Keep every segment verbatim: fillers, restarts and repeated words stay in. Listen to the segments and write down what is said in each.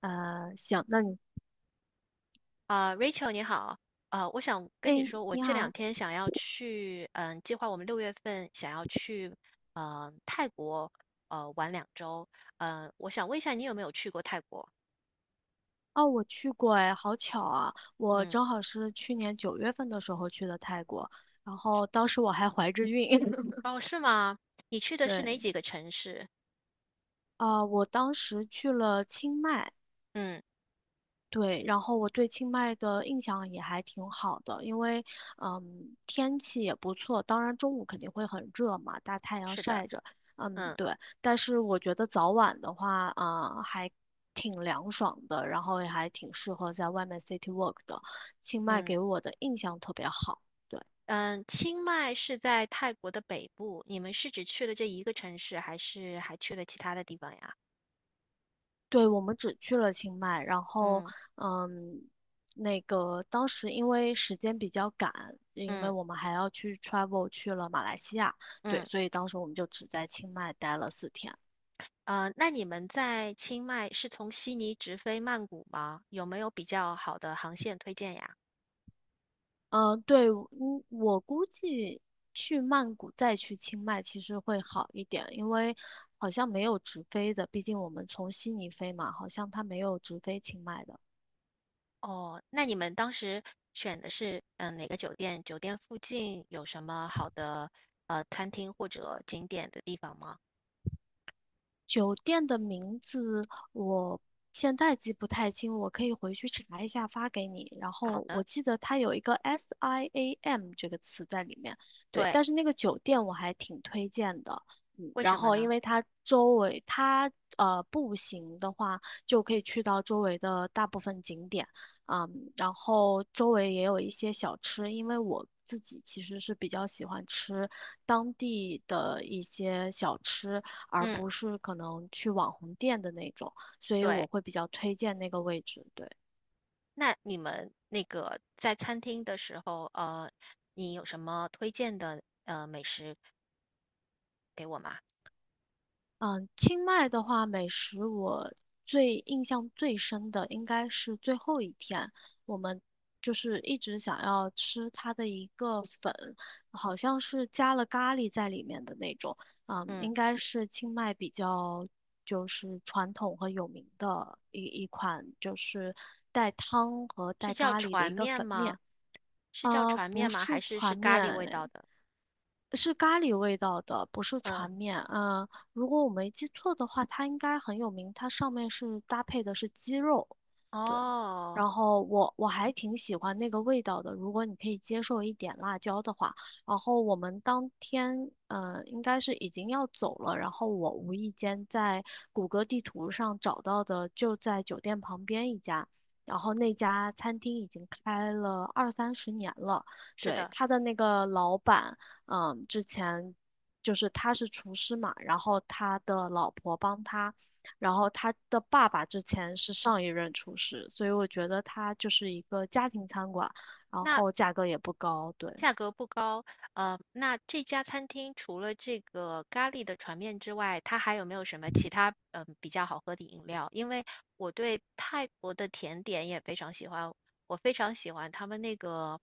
呃，行，那你，啊，Rachel 你好。啊，我想哎，跟你说，我你这两好，天想要去，嗯，计划我们六月份想要去，呃，泰国，呃，玩两周。嗯，我想问一下你有没有去过泰国？哦，我去过，哎，好巧啊，我嗯。正好是去年九月份的时候去的泰国，然后当时我还怀着孕，哦，是吗？你去的是哪对，几个城市？啊、我当时去了清迈，嗯。对，然后我对清迈的印象也还挺好的，因为嗯天气也不错，当然中午肯定会很热嘛，大太阳是的。晒着，嗯嗯对，但是我觉得早晚的话啊、呃还挺凉爽的，然后也还挺适合在外面 city walk 的，清迈嗯给我的印象特别好。对。嗯。清迈是在泰国的北部，你们是只去了这一个城市，还是还去了其他的地方呀？对，我们只去了清迈，然后，嗯嗯，那个当时因为时间比较赶，因为嗯我们还要去 travel 去了马来西亚，对，嗯。所以当时我们就只在清迈待了四天。呃，那你们在清迈是从悉尼直飞曼谷吗？有没有比较好的航线推荐呀？嗯，对，嗯，我估计去曼谷再去清迈其实会好一点，因为好像没有直飞的，毕竟我们从悉尼飞嘛，好像它没有直飞清迈的。哦，那你们当时选的是嗯、呃哪个酒店？酒店附近有什么好的呃餐厅或者景点的地方吗？酒店的名字我现在记不太清，我可以回去查一下发给你。然好后我的。记得它有一个 SIAM 这个词在里面，对，对。但是那个酒店我还挺推荐的。嗯，为然什么后因呢？为它周围，它呃步行的话就可以去到周围的大部分景点，嗯，然后周围也有一些小吃，因为我自己其实是比较喜欢吃当地的一些小吃，而嗯。不是可能去网红店的那种，所以对。我会比较推荐那个位置。对，那你们那个在餐厅的时候，呃，你有什么推荐的呃美食给我吗？嗯，清迈的话，美食我最印象最深的应该是最后一天，我们就是一直想要吃它的一个粉，好像是加了咖喱在里面的那种，嗯，嗯。应该是清迈比较。就是传统和有名的一一款，就是带汤和是带叫咖喱的船一个面粉吗？面。是叫呃，船不面吗？还是是是船咖面，喱味哎，道的？是咖喱味道的，不是船嗯。面。嗯，如果我没记错的话，它应该很有名。它上面是搭配的是鸡肉，对。哦，然后我我还挺喜欢那个味道的，如果你可以接受一点辣椒的话。然后我们当天，嗯，应该是已经要走了。然后我无意间在谷歌地图上找到的，就在酒店旁边一家。然后那家餐厅已经开了二三十年了，是对，的。他的那个老板。嗯，之前就是他是厨师嘛，然后他的老婆帮他，然后他的爸爸之前是上一任厨师，所以我觉得他就是一个家庭餐馆，然那后价格也不高，对。价格不高，呃，那这家餐厅除了这个咖喱的船面之外，它还有没有什么其他嗯、呃比较好喝的饮料？因为我对泰国的甜点也非常喜欢，我非常喜欢他们那个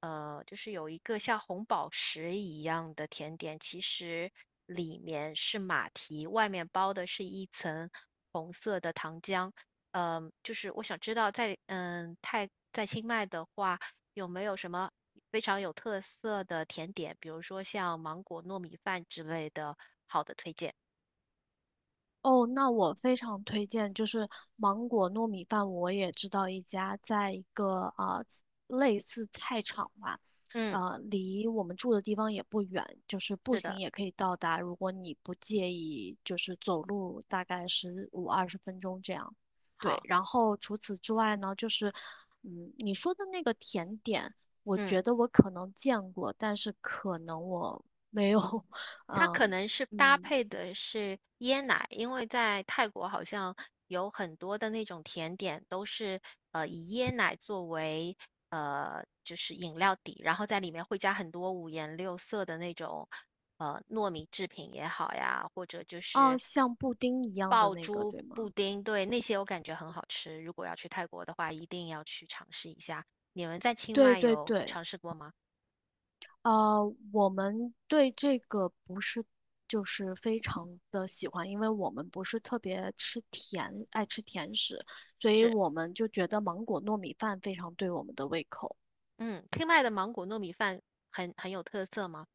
呃，就是有一个像红宝石一样的甜点，其实里面是马蹄，外面包的是一层红色的糖浆。嗯、就是我想知道在嗯泰在清迈的话。有没有什么非常有特色的甜点，比如说像芒果糯米饭之类的好的推荐？哦，那我非常推荐，就是芒果糯米饭，我也知道一家，在一个啊、呃类似菜场吧，嗯。啊，离我们住的地方也不远，就是步是行的。也可以到达。如果你不介意，就是走路大概十五二十分钟这样。对，好。然后除此之外呢，就是嗯，你说的那个甜点，我觉嗯。得我可能见过，但是可能我没有，它可嗯。能是搭嗯，配的是椰奶，因为在泰国好像有很多的那种甜点都是呃以椰奶作为呃就是饮料底，然后在里面会加很多五颜六色的那种呃糯米制品也好呀，或者就是哦，像布丁一样的爆那个，珠对布吗？丁。对，那些我感觉很好吃。如果要去泰国的话，一定要去尝试一下。你们在清对迈对有对，尝试过吗？呃，我们对这个不是就是非常的喜欢，因为我们不是特别吃甜，爱吃甜食，所以是。我们就觉得芒果糯米饭非常对我们的胃口。嗯。清迈的芒果糯米饭很很有特色吗？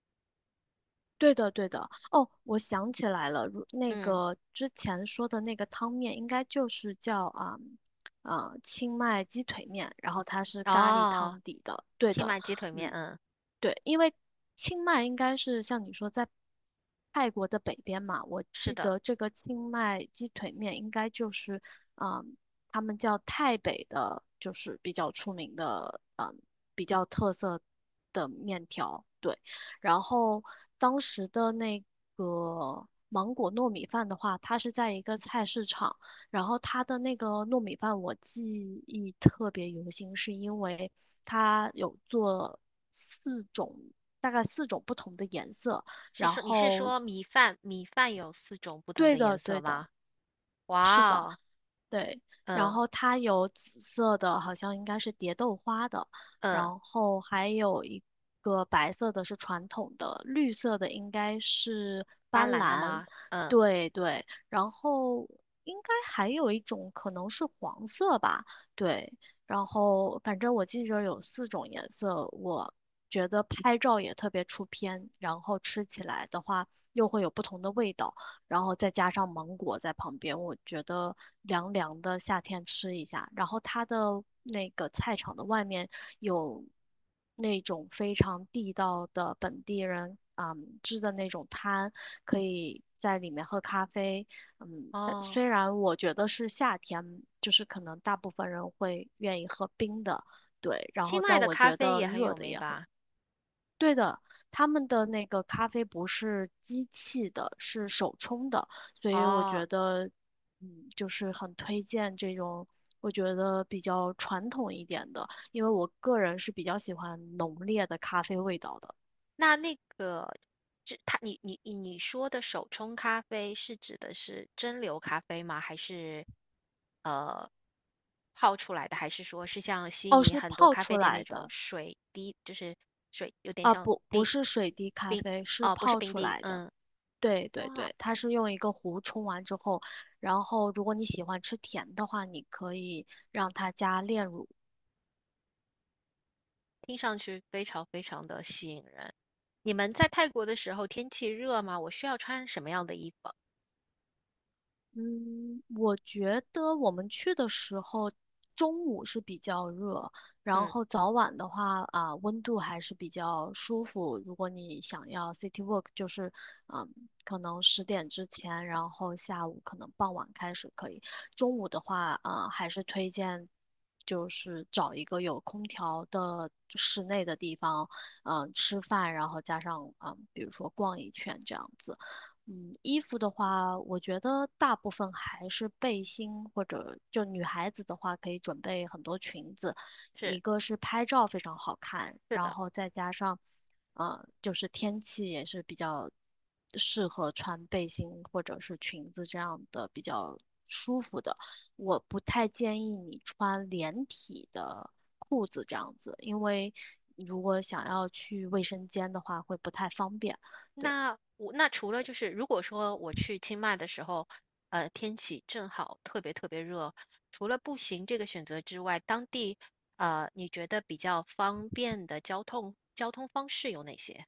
对的，对的。哦，我想起来了，如那嗯。个之前说的那个汤面，应该就是叫啊啊、呃清迈鸡腿面，然后它是咖喱哦，汤底的。对清的，迈鸡腿面。嗯。嗯。对，因为清迈应该是像你说在泰国的北边嘛，我是记的。得这个清迈鸡腿面应该就是，嗯，他们叫泰北的，就是比较出名的，嗯，比较特色。对，然后当时的那个芒果糯米饭的话，它是在一个菜市场，然后它的那个糯米饭我记忆特别犹新，是因为它有做四种，大概四种不同的颜色，是然说你是后说米饭米饭有四种不同对的颜的色对的，吗？哇哦。对，然嗯后它有紫色的，好像应该是蝶豆花的，然嗯。后还有一个白色的是传统的，绿色的应该是斑斑斓的斓，吗？嗯。对对，然后应该还有一种可能是黄色吧，对，然后反正我记着有四种颜色，我觉得拍照也特别出片，然后吃起来的话又会有不同的味道。然后再加上芒果在旁边，我觉得凉凉的，夏天吃一下。然后它的那个菜场的外面有那种非常地道的本地人嗯支的那种摊，可以在里面喝咖啡。嗯，但哦，虽然我觉得是夏天，就是可能大部分人会愿意喝冰的，对。然清后迈但的我咖觉啡得也很热有的名也很。吧？对的。他们的那个咖啡不是机器的，是手冲的，所以我哦，觉得，嗯，就是很推荐这种我觉得比较传统一点的，因为我个人是比较喜欢浓烈的咖啡味道的。那那个，这它你你你说的手冲咖啡是指的是蒸馏咖啡吗？还是呃泡出来的？还是说是像悉哦，尼是很多泡咖出啡店那来种的水滴，就是水有点啊，像不，不滴是水滴咖冰。啡，是哦，不是泡冰出滴。来的。嗯。对对哇。对，它是用一个壶冲完之后，然后如果你喜欢吃甜的话，你可以让它加炼乳。听上去非常非常的吸引人。你们在泰国的时候天气热吗？我需要穿什么样的衣服？嗯，我觉得我们去的时候，中午是比较热，然嗯。后早晚的话啊，温度还是比较舒服。如果你想要 city walk,就是嗯，可能十点之前，然后下午可能傍晚开始可以。中午的话，啊，还是推荐就是找一个有空调的室内的地方，嗯，吃饭，然后加上嗯，比如说逛一圈这样子。嗯，衣服的话，我觉得大部分还是背心，或者就女孩子的话，可以准备很多裙子，一是个是拍照非常好看，是然的。后再加上，呃，就是天气也是比较适合穿背心或者是裙子这样的比较舒服的。我不太建议你穿连体的裤子这样子，因为如果想要去卫生间的话，会不太方便。对，那我那除了就是如果说我去清迈的时候，呃，天气正好特别特别热，除了步行这个选择之外，当地呃，你觉得比较方便的交通交通方式有哪些？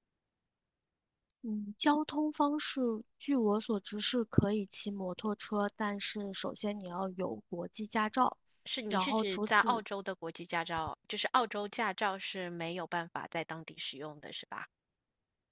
嗯，交通方式，据我所知是可以骑摩托车，但是首先你要有国际驾照，是你然是后指除在澳此洲的国际驾照，就是澳洲驾照是没有办法在当地使用的，是吧？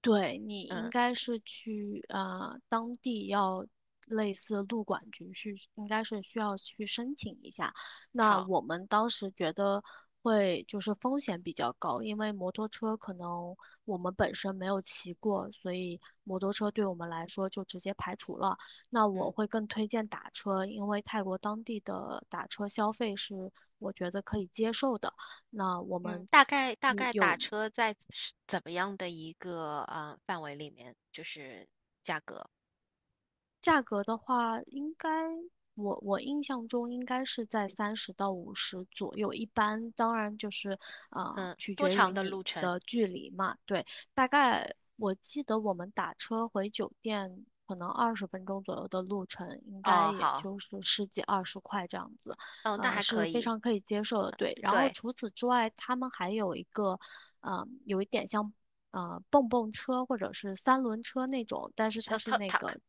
对，你应嗯。该是去啊，当地要类似路管局去，应该是需要去申请一下。那好。我们当时觉得会就是风险比较高，因为摩托车可能我们本身没有骑过，所以摩托车对我们来说就直接排除了。那嗯我会更推荐打车，因为泰国当地的打车消费是我觉得可以接受的。那我嗯。们。大概大概打有。车在是怎么样的一个呃范围里面，就是价格，价格的话，应该我我印象中应该是在三十到五十左右，一般当然就是啊、嗯，取多决长于的你路程？的距离嘛。对，大概我记得我们打车回酒店可能二十分钟左右的路程，应该哦。也好。就是十几二十块这样子，嗯。那呃，还可是非以。常可以接受的。对，然后对。除此之外，他们还有一个，呃，有一点像。呃，蹦蹦车或者是三轮车那种，但是是它呃是，tuk 那 tuk 个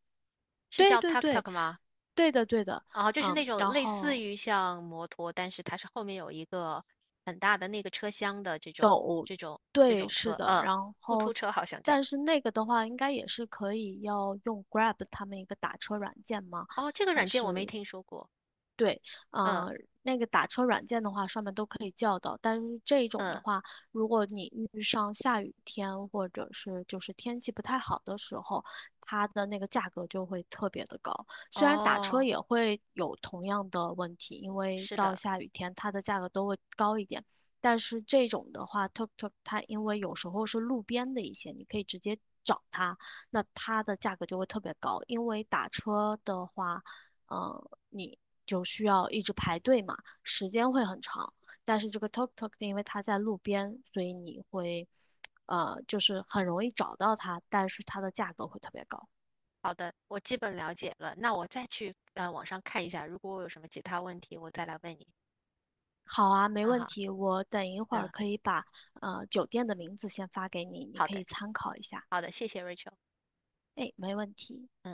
是对叫 对 tuk 对，tuk 吗？对的对的，哦，就是那嗯，种然类似后于像摩托，但是它是后面有一个很大的那个车厢的这种这种这对，种是车。的，嗯。然突后突车好像叫。但是那个的话，应该也是可以要用 Grab 他们一个打车软件吗？哦，这个软件我没听说过。对，嗯呃，那个打车软件的话，上面都可以叫到。但是这种的嗯。话，如果你遇上下雨天或者是就是天气不太好的时候，它的那个价格就会特别的高。虽然打车哦，也会有同样的问题，因为是到的。下雨天它的价格都会高一点。但是这种的话，tuk tuk 它因为有时候是路边的一些，你可以直接找它，那它的价格就会特别高。因为打车的话，嗯你就需要一直排队嘛，时间会很长。但是这个 Tok Tok 因为它在路边，所以你会，呃，就是很容易找到它，但是它的价格会特别高。好的，我基本了解了。那我再去呃网上看一下，如果我有什么其他问题，我再来问你。好啊，没啊问哈。题，我等一会儿嗯。可以把呃酒店的名字先发给你，你好可的以参考一下。好的，谢谢 Rachel。 哎，没问题。嗯。